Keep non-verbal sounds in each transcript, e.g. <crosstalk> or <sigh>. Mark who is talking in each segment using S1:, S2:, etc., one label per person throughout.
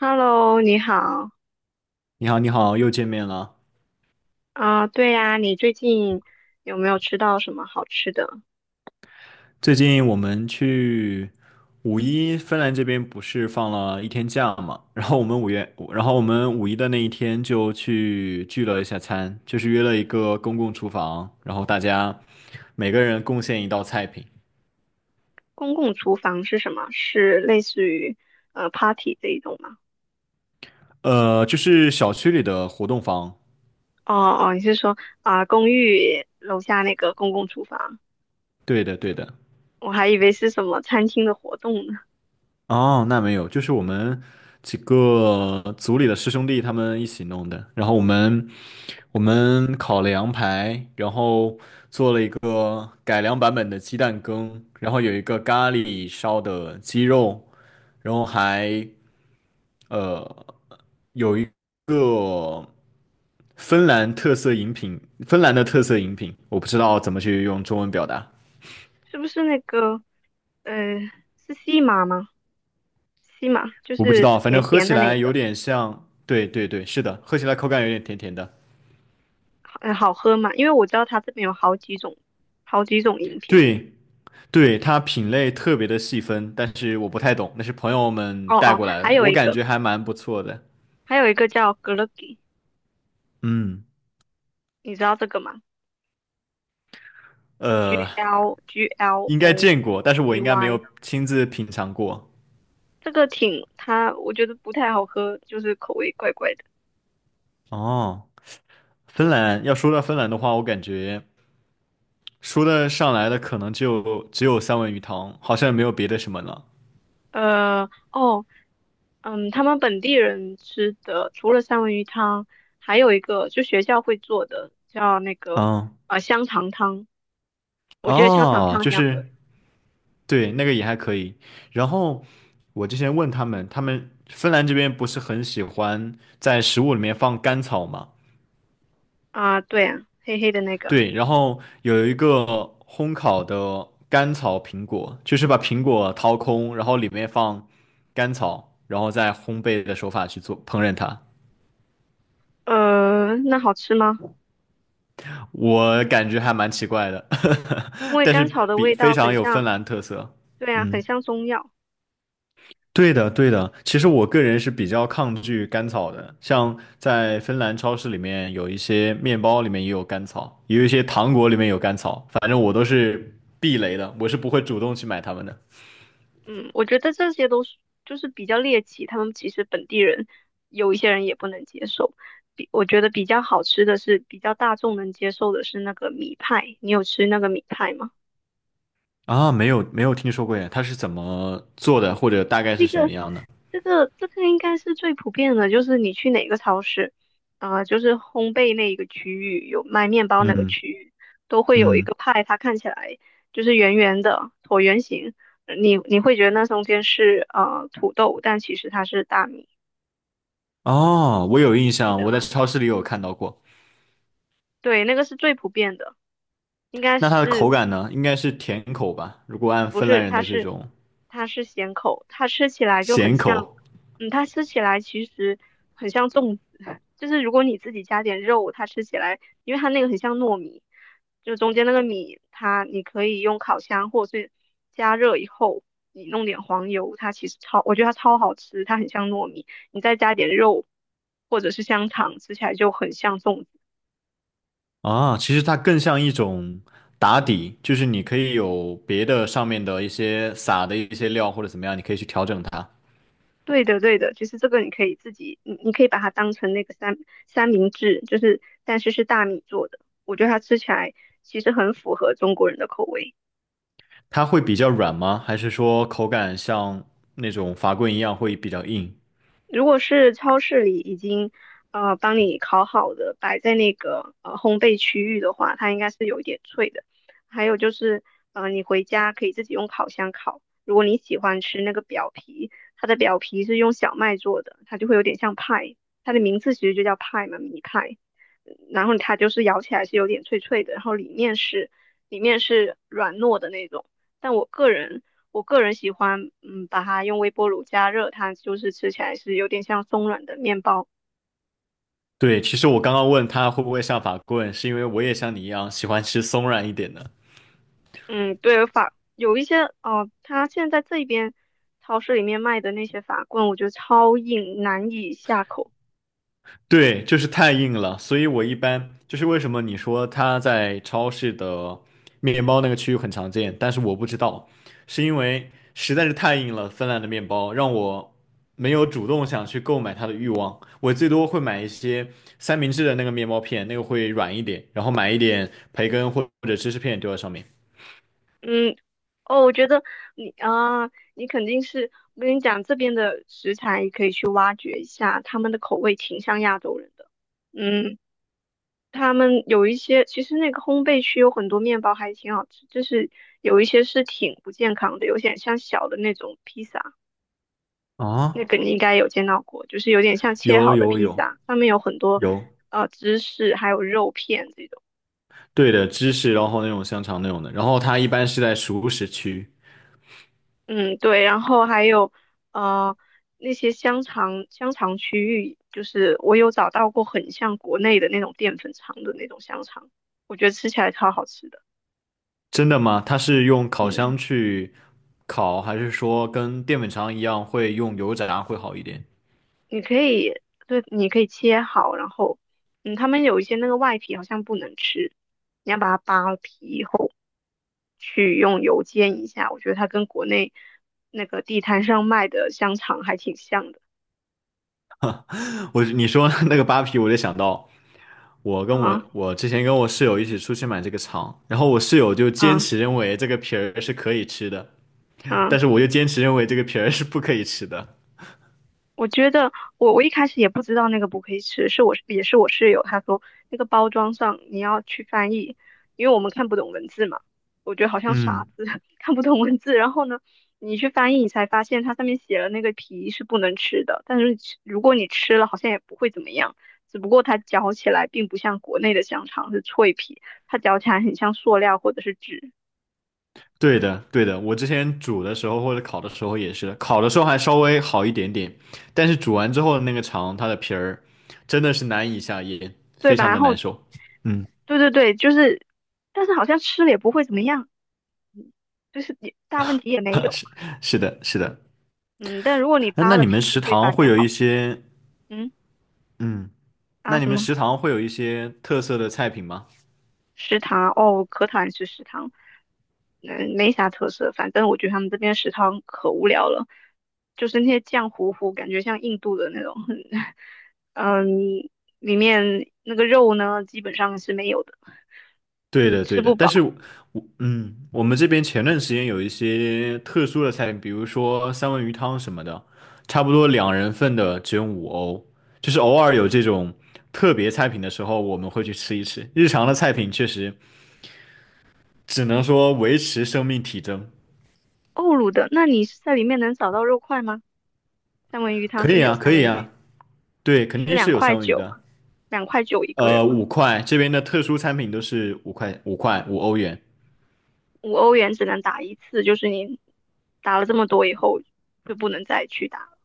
S1: Hello，你好。
S2: 你好，你好，又见面了。
S1: 啊、对呀、你最近有没有吃到什么好吃的？
S2: 最近我们去五一，芬兰这边不是放了一天假嘛？然后我们五月，然后我们五一的那一天就去聚了一下餐，就是约了一个公共厨房，然后大家每个人贡献一道菜品。
S1: 公共厨房是什么？是类似于party 这一种吗？
S2: 就是小区里的活动房。
S1: 哦哦，你是说啊、公寓楼下那个公共厨房？
S2: 对的，对的。
S1: 我还以为是什么餐厅的活动呢。
S2: 哦，那没有，就是我们几个组里的师兄弟他们一起弄的。然后我们我们烤了羊排，然后做了一个改良版本的鸡蛋羹，然后有一个咖喱烧的鸡肉，然后还芬兰特色饮品，芬兰的特色饮品，我不知道怎么去用中文表达。
S1: 是不是那个呃是西马吗？西马就
S2: 我不知
S1: 是
S2: 道，反正
S1: 甜
S2: 喝
S1: 甜
S2: 起
S1: 的那
S2: 来有
S1: 个，
S2: 点像，对对对，是的，喝起来口感有点甜甜的。
S1: 好喝吗？因为我知道它这边有好几种饮品。
S2: 对对，它品类特别的细分，但是我不太懂，那是朋友们
S1: 哦
S2: 带
S1: 哦，
S2: 过来
S1: 还
S2: 的，
S1: 有
S2: 我
S1: 一
S2: 感
S1: 个
S2: 觉还蛮不错的。
S1: 叫格勒吉。
S2: 嗯。
S1: 你知道这个吗？G
S2: 呃，
S1: L G L
S2: 应该
S1: O
S2: 见过，但是我
S1: G
S2: 应该没
S1: Y，
S2: 有亲自品尝过。
S1: 这个挺它，我觉得不太好喝，就是口味怪怪的。
S2: 哦，芬兰，要说到芬兰的话，我感觉说的上来的可能就只有三文鱼汤，好像也没有别的什么了。
S1: 哦，嗯，他们本地人吃的除了三文鱼汤，还有一个就学校会做的叫那个
S2: 嗯，
S1: 香肠汤，我觉得香肠
S2: 哦，
S1: 汤
S2: 就
S1: 挺好喝
S2: 是
S1: 的
S2: 对，那个也还可以。然后我之前问他们，他们芬兰这边不是很喜欢在食物里面放甘草吗？
S1: 啊，对啊，黑黑的那个，
S2: 对，然后有一个烘烤的甘草苹果，就是把苹果掏空，然后里面放甘草，然后再烘焙的手法去做烹饪它。
S1: 那好吃吗？
S2: 我感觉还蛮奇怪的，
S1: 因
S2: <laughs>
S1: 为
S2: 但是
S1: 甘草的
S2: 比
S1: 味
S2: 非
S1: 道很
S2: 常有芬
S1: 像，
S2: 兰特色。
S1: 对啊，很
S2: 嗯，
S1: 像中药。
S2: 对的，对的。其实我个人是比较抗拒甘草的，像在芬兰超市里面有一些面包里面也有甘草，也有一些糖果里面有甘草，反正我都是避雷的，我是不会主动去买它们的。
S1: 嗯，我觉得这些都是就是比较猎奇，他们其实本地人有一些人也不能接受。我觉得比较好吃的是比较大众能接受的是那个米派，你有吃那个米派吗？
S2: 啊，没有没有听说过耶，它是怎么做的，或者大概是
S1: 那
S2: 什么
S1: 个
S2: 样的？
S1: 这个应该是最普遍的，就是你去哪个超市，啊、就是烘焙那一个区域有卖面包那个
S2: 嗯
S1: 区域，都会有一
S2: 嗯，
S1: 个派，它看起来就是圆圆的椭圆形，你会觉得那中间是土豆，但其实它是大米，
S2: 哦，我有印
S1: 你记
S2: 象，
S1: 得
S2: 我在
S1: 吗？
S2: 超市里有看到过。
S1: 对，那个是最普遍的，应该
S2: 那它的口
S1: 是
S2: 感呢？应该是甜口吧？如果按
S1: 不
S2: 芬
S1: 是？
S2: 兰人
S1: 它
S2: 的这
S1: 是
S2: 种
S1: 它是咸口，它吃起来就很
S2: 咸
S1: 像，
S2: 口
S1: 它吃起来其实很像粽子，<laughs> 就是如果你自己加点肉，它吃起来，因为它那个很像糯米，就中间那个米，你可以用烤箱或者是加热以后，你弄点黄油，它其实超，我觉得它超好吃，它很像糯米，你再加点肉或者是香肠，吃起来就很像粽子。
S2: 啊，其实它更像一种打底，就是你可以有别的上面的一些撒的一些料或者怎么样，你可以去调整它。
S1: 对的，对的，就是这个，你可以自己，你可以把它当成那个三明治，就是但是是大米做的，我觉得它吃起来其实很符合中国人的口味。
S2: 它会比较软吗？还是说口感像那种法棍一样会比较硬？
S1: 如果是超市里已经帮你烤好的，摆在那个烘焙区域的话，它应该是有一点脆的。还有就是，你回家可以自己用烤箱烤。如果你喜欢吃那个表皮，它的表皮是用小麦做的，它就会有点像派，它的名字其实就叫派嘛，米派。然后它就是咬起来是有点脆脆的，然后里面是软糯的那种。但我个人喜欢，把它用微波炉加热，它就是吃起来是有点像松软的面包。
S2: 对，其实我刚刚问他会不会像法棍，是因为我也像你一样喜欢吃松软一点的。
S1: 嗯，对，有一些哦，它现在这边超市里面卖的那些法棍，我觉得超硬，难以下口。
S2: 对，就是太硬了，所以我一般就是为什么你说它在超市的面包那个区域很常见，但是我不知道，是因为实在是太硬了，芬兰的面包让我没有主动想去购买它的欲望。我最多会买一些三明治的那个面包片，那个会软一点，然后买一点培根或者芝士片丢在上面。
S1: 嗯，哦，我觉得你啊，你肯定是，我跟你讲，这边的食材可以去挖掘一下，他们的口味挺像亚洲人的。嗯。他们有一些，其实那个烘焙区有很多面包还挺好吃，就是有一些是挺不健康的，有点像小的那种披萨，那
S2: 啊，
S1: 个你应该有见到过，就是有点像切
S2: 有
S1: 好的
S2: 有
S1: 披
S2: 有
S1: 萨，上面有很多
S2: 有。
S1: 芝士还有肉片这种。
S2: 对的，芝士，然后那种香肠那种的，然后它一般是在熟食区。
S1: 嗯，对，然后还有呃那些香肠区域，就是我有找到过很像国内的那种淀粉肠的那种香肠，我觉得吃起来超好吃的。
S2: 真的吗？它是用烤
S1: 嗯。
S2: 箱去烤，还是说跟淀粉肠一样会用油炸会好一点？
S1: 你可以，对，你可以切好，然后，他们有一些那个外皮好像不能吃，你要把它扒皮后去用油煎一下。我觉得它跟国内那个地摊上卖的香肠还挺像的。
S2: 我你说 <laughs> 那个扒皮，我就想到我跟
S1: 啊
S2: 我之前跟我室友一起出去买这个肠，然后我室友就坚
S1: 啊
S2: 持认为这个皮儿是可以吃的，
S1: 啊！
S2: 但是我就坚持认为这个皮儿是不可以吃的。
S1: 我觉得我一开始也不知道那个不可以吃，是我也是我室友他说那个包装上你要去翻译，因为我们看不懂文字嘛，我觉得好像傻
S2: 嗯。
S1: 子 <laughs> 看不懂文字，然后呢你去翻译你才发现它上面写了那个皮是不能吃的，但是如果你吃了好像也不会怎么样，只不过它嚼起来并不像国内的香肠是脆皮，它嚼起来很像塑料或者是纸，
S2: 对的，对的，我之前煮的时候或者烤的时候也是，烤的时候还稍微好一点点，但是煮完之后的那个肠，它的皮儿真的是难以下咽，
S1: 对
S2: 非
S1: 吧？
S2: 常
S1: 然
S2: 的
S1: 后
S2: 难受。嗯，
S1: 对对对，就是，但是好像吃了也不会怎么样，就是也大问题也没有。
S2: <laughs> 是的，是的。
S1: 嗯，但如果你
S2: 那
S1: 扒
S2: 那
S1: 了
S2: 你们
S1: 皮，
S2: 食
S1: 你会
S2: 堂
S1: 发
S2: 会
S1: 现
S2: 有
S1: 好
S2: 一
S1: 吃。
S2: 些，
S1: 嗯
S2: 嗯，
S1: 啊，
S2: 那你
S1: 什
S2: 们
S1: 么
S2: 食堂会有一些特色的菜品吗？
S1: 食堂？哦，可讨厌吃食堂，嗯，没啥特色。反正我觉得他们这边食堂可无聊了，就是那些酱糊糊，感觉像印度的那种。<laughs> 嗯，里面那个肉呢，基本上是没有的，
S2: 对的，
S1: 吃
S2: 对的，
S1: 不
S2: 但
S1: 饱。
S2: 是我，嗯，我们这边前段时间有一些特殊的菜品，比如说三文鱼汤什么的，差不多两人份的只用五欧，就是偶尔有这种特别菜品的时候，我们会去吃一吃。日常的菜品确实只能说维持生命体征。
S1: 欧陆的，那你是在里面能找到肉块吗？三文鱼汤
S2: 可
S1: 真
S2: 以
S1: 的有
S2: 啊，可
S1: 三文
S2: 以啊，
S1: 鱼，
S2: 对，肯
S1: 是
S2: 定是
S1: 两
S2: 有
S1: 块
S2: 三文鱼
S1: 九
S2: 的。
S1: 吗？两块九一个人吗？
S2: 五块，这边的特殊餐品都是五块，五块，5欧元。
S1: 5欧元只能打一次，就是你打了这么多以后就不能再去打了。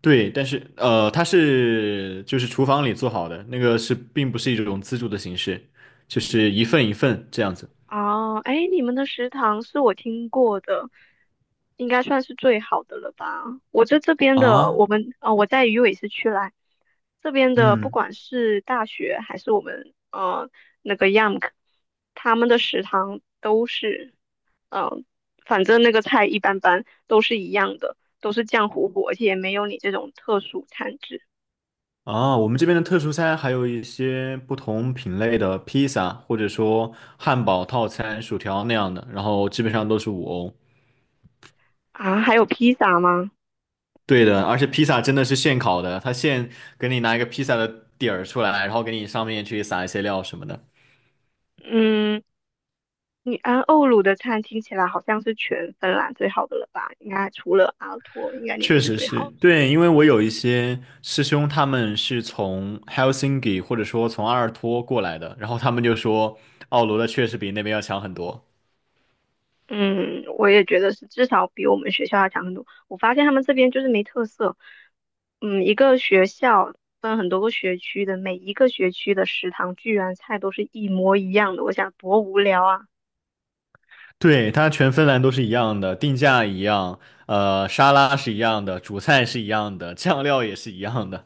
S2: 对，但是它是就是厨房里做好的，那个是并不是一种自助的形式，就是一份一份这样子。
S1: 哦，哎，你们的食堂是我听过的，应该算是最好的了吧？我在这边的，
S2: 啊，
S1: 我们我在鱼尾市区来，这边的不
S2: 嗯，
S1: 管是大学还是我们那个 YAMK，他们的食堂都是嗯、呃反正那个菜一般般，都是一样的，都是酱糊糊，而且也没有你这种特殊餐制。
S2: 啊，我们这边的特殊餐还有一些不同品类的披萨，或者说汉堡套餐、薯条那样的，然后基本上都是五欧。
S1: 啊，还有披萨吗？
S2: 对的，而且披萨真的是现烤的，它现给你拿一个披萨的底儿出来，然后给你上面去撒一些料什么的。
S1: 嗯，你安奥鲁的餐听起来好像是全芬兰最好的了吧？应该除了阿托，应该你们
S2: 确
S1: 是
S2: 实
S1: 最
S2: 是
S1: 好的。
S2: 对，因为我有一些师兄，他们是从 Helsinki 或者说从阿尔托过来的，然后他们就说奥罗的确实比那边要强很多。
S1: 嗯，我也觉得是，至少比我们学校要强很多。我发现他们这边就是没特色。嗯，一个学校分很多个学区的，每一个学区的食堂居然菜都是一模一样的，我想多无聊啊！
S2: 对，它全芬兰都是一样的，定价一样，沙拉是一样的，主菜是一样的，酱料也是一样的。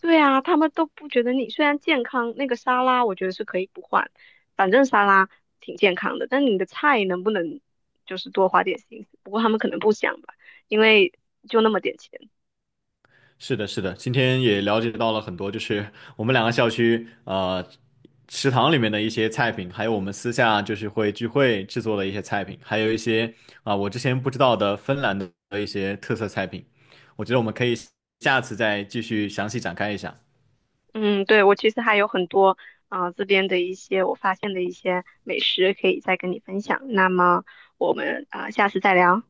S1: 对啊，他们都不觉得你虽然健康，那个沙拉我觉得是可以不换，反正沙拉挺健康的，但你的菜能不能就是多花点心思？不过他们可能不想吧，因为就那么点钱。
S2: 是的，是的，今天也了解到了很多，就是我们两个校区食堂里面的一些菜品，还有我们私下就是会聚会制作的一些菜品，还有一些啊、我之前不知道的芬兰的一些特色菜品，我觉得我们可以下次再继续详细展开一下。
S1: 嗯，对，我其实还有很多这边的一些我发现的一些美食可以再跟你分享。那么我们下次再聊，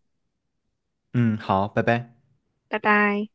S2: 嗯，好，拜拜。
S1: 拜拜。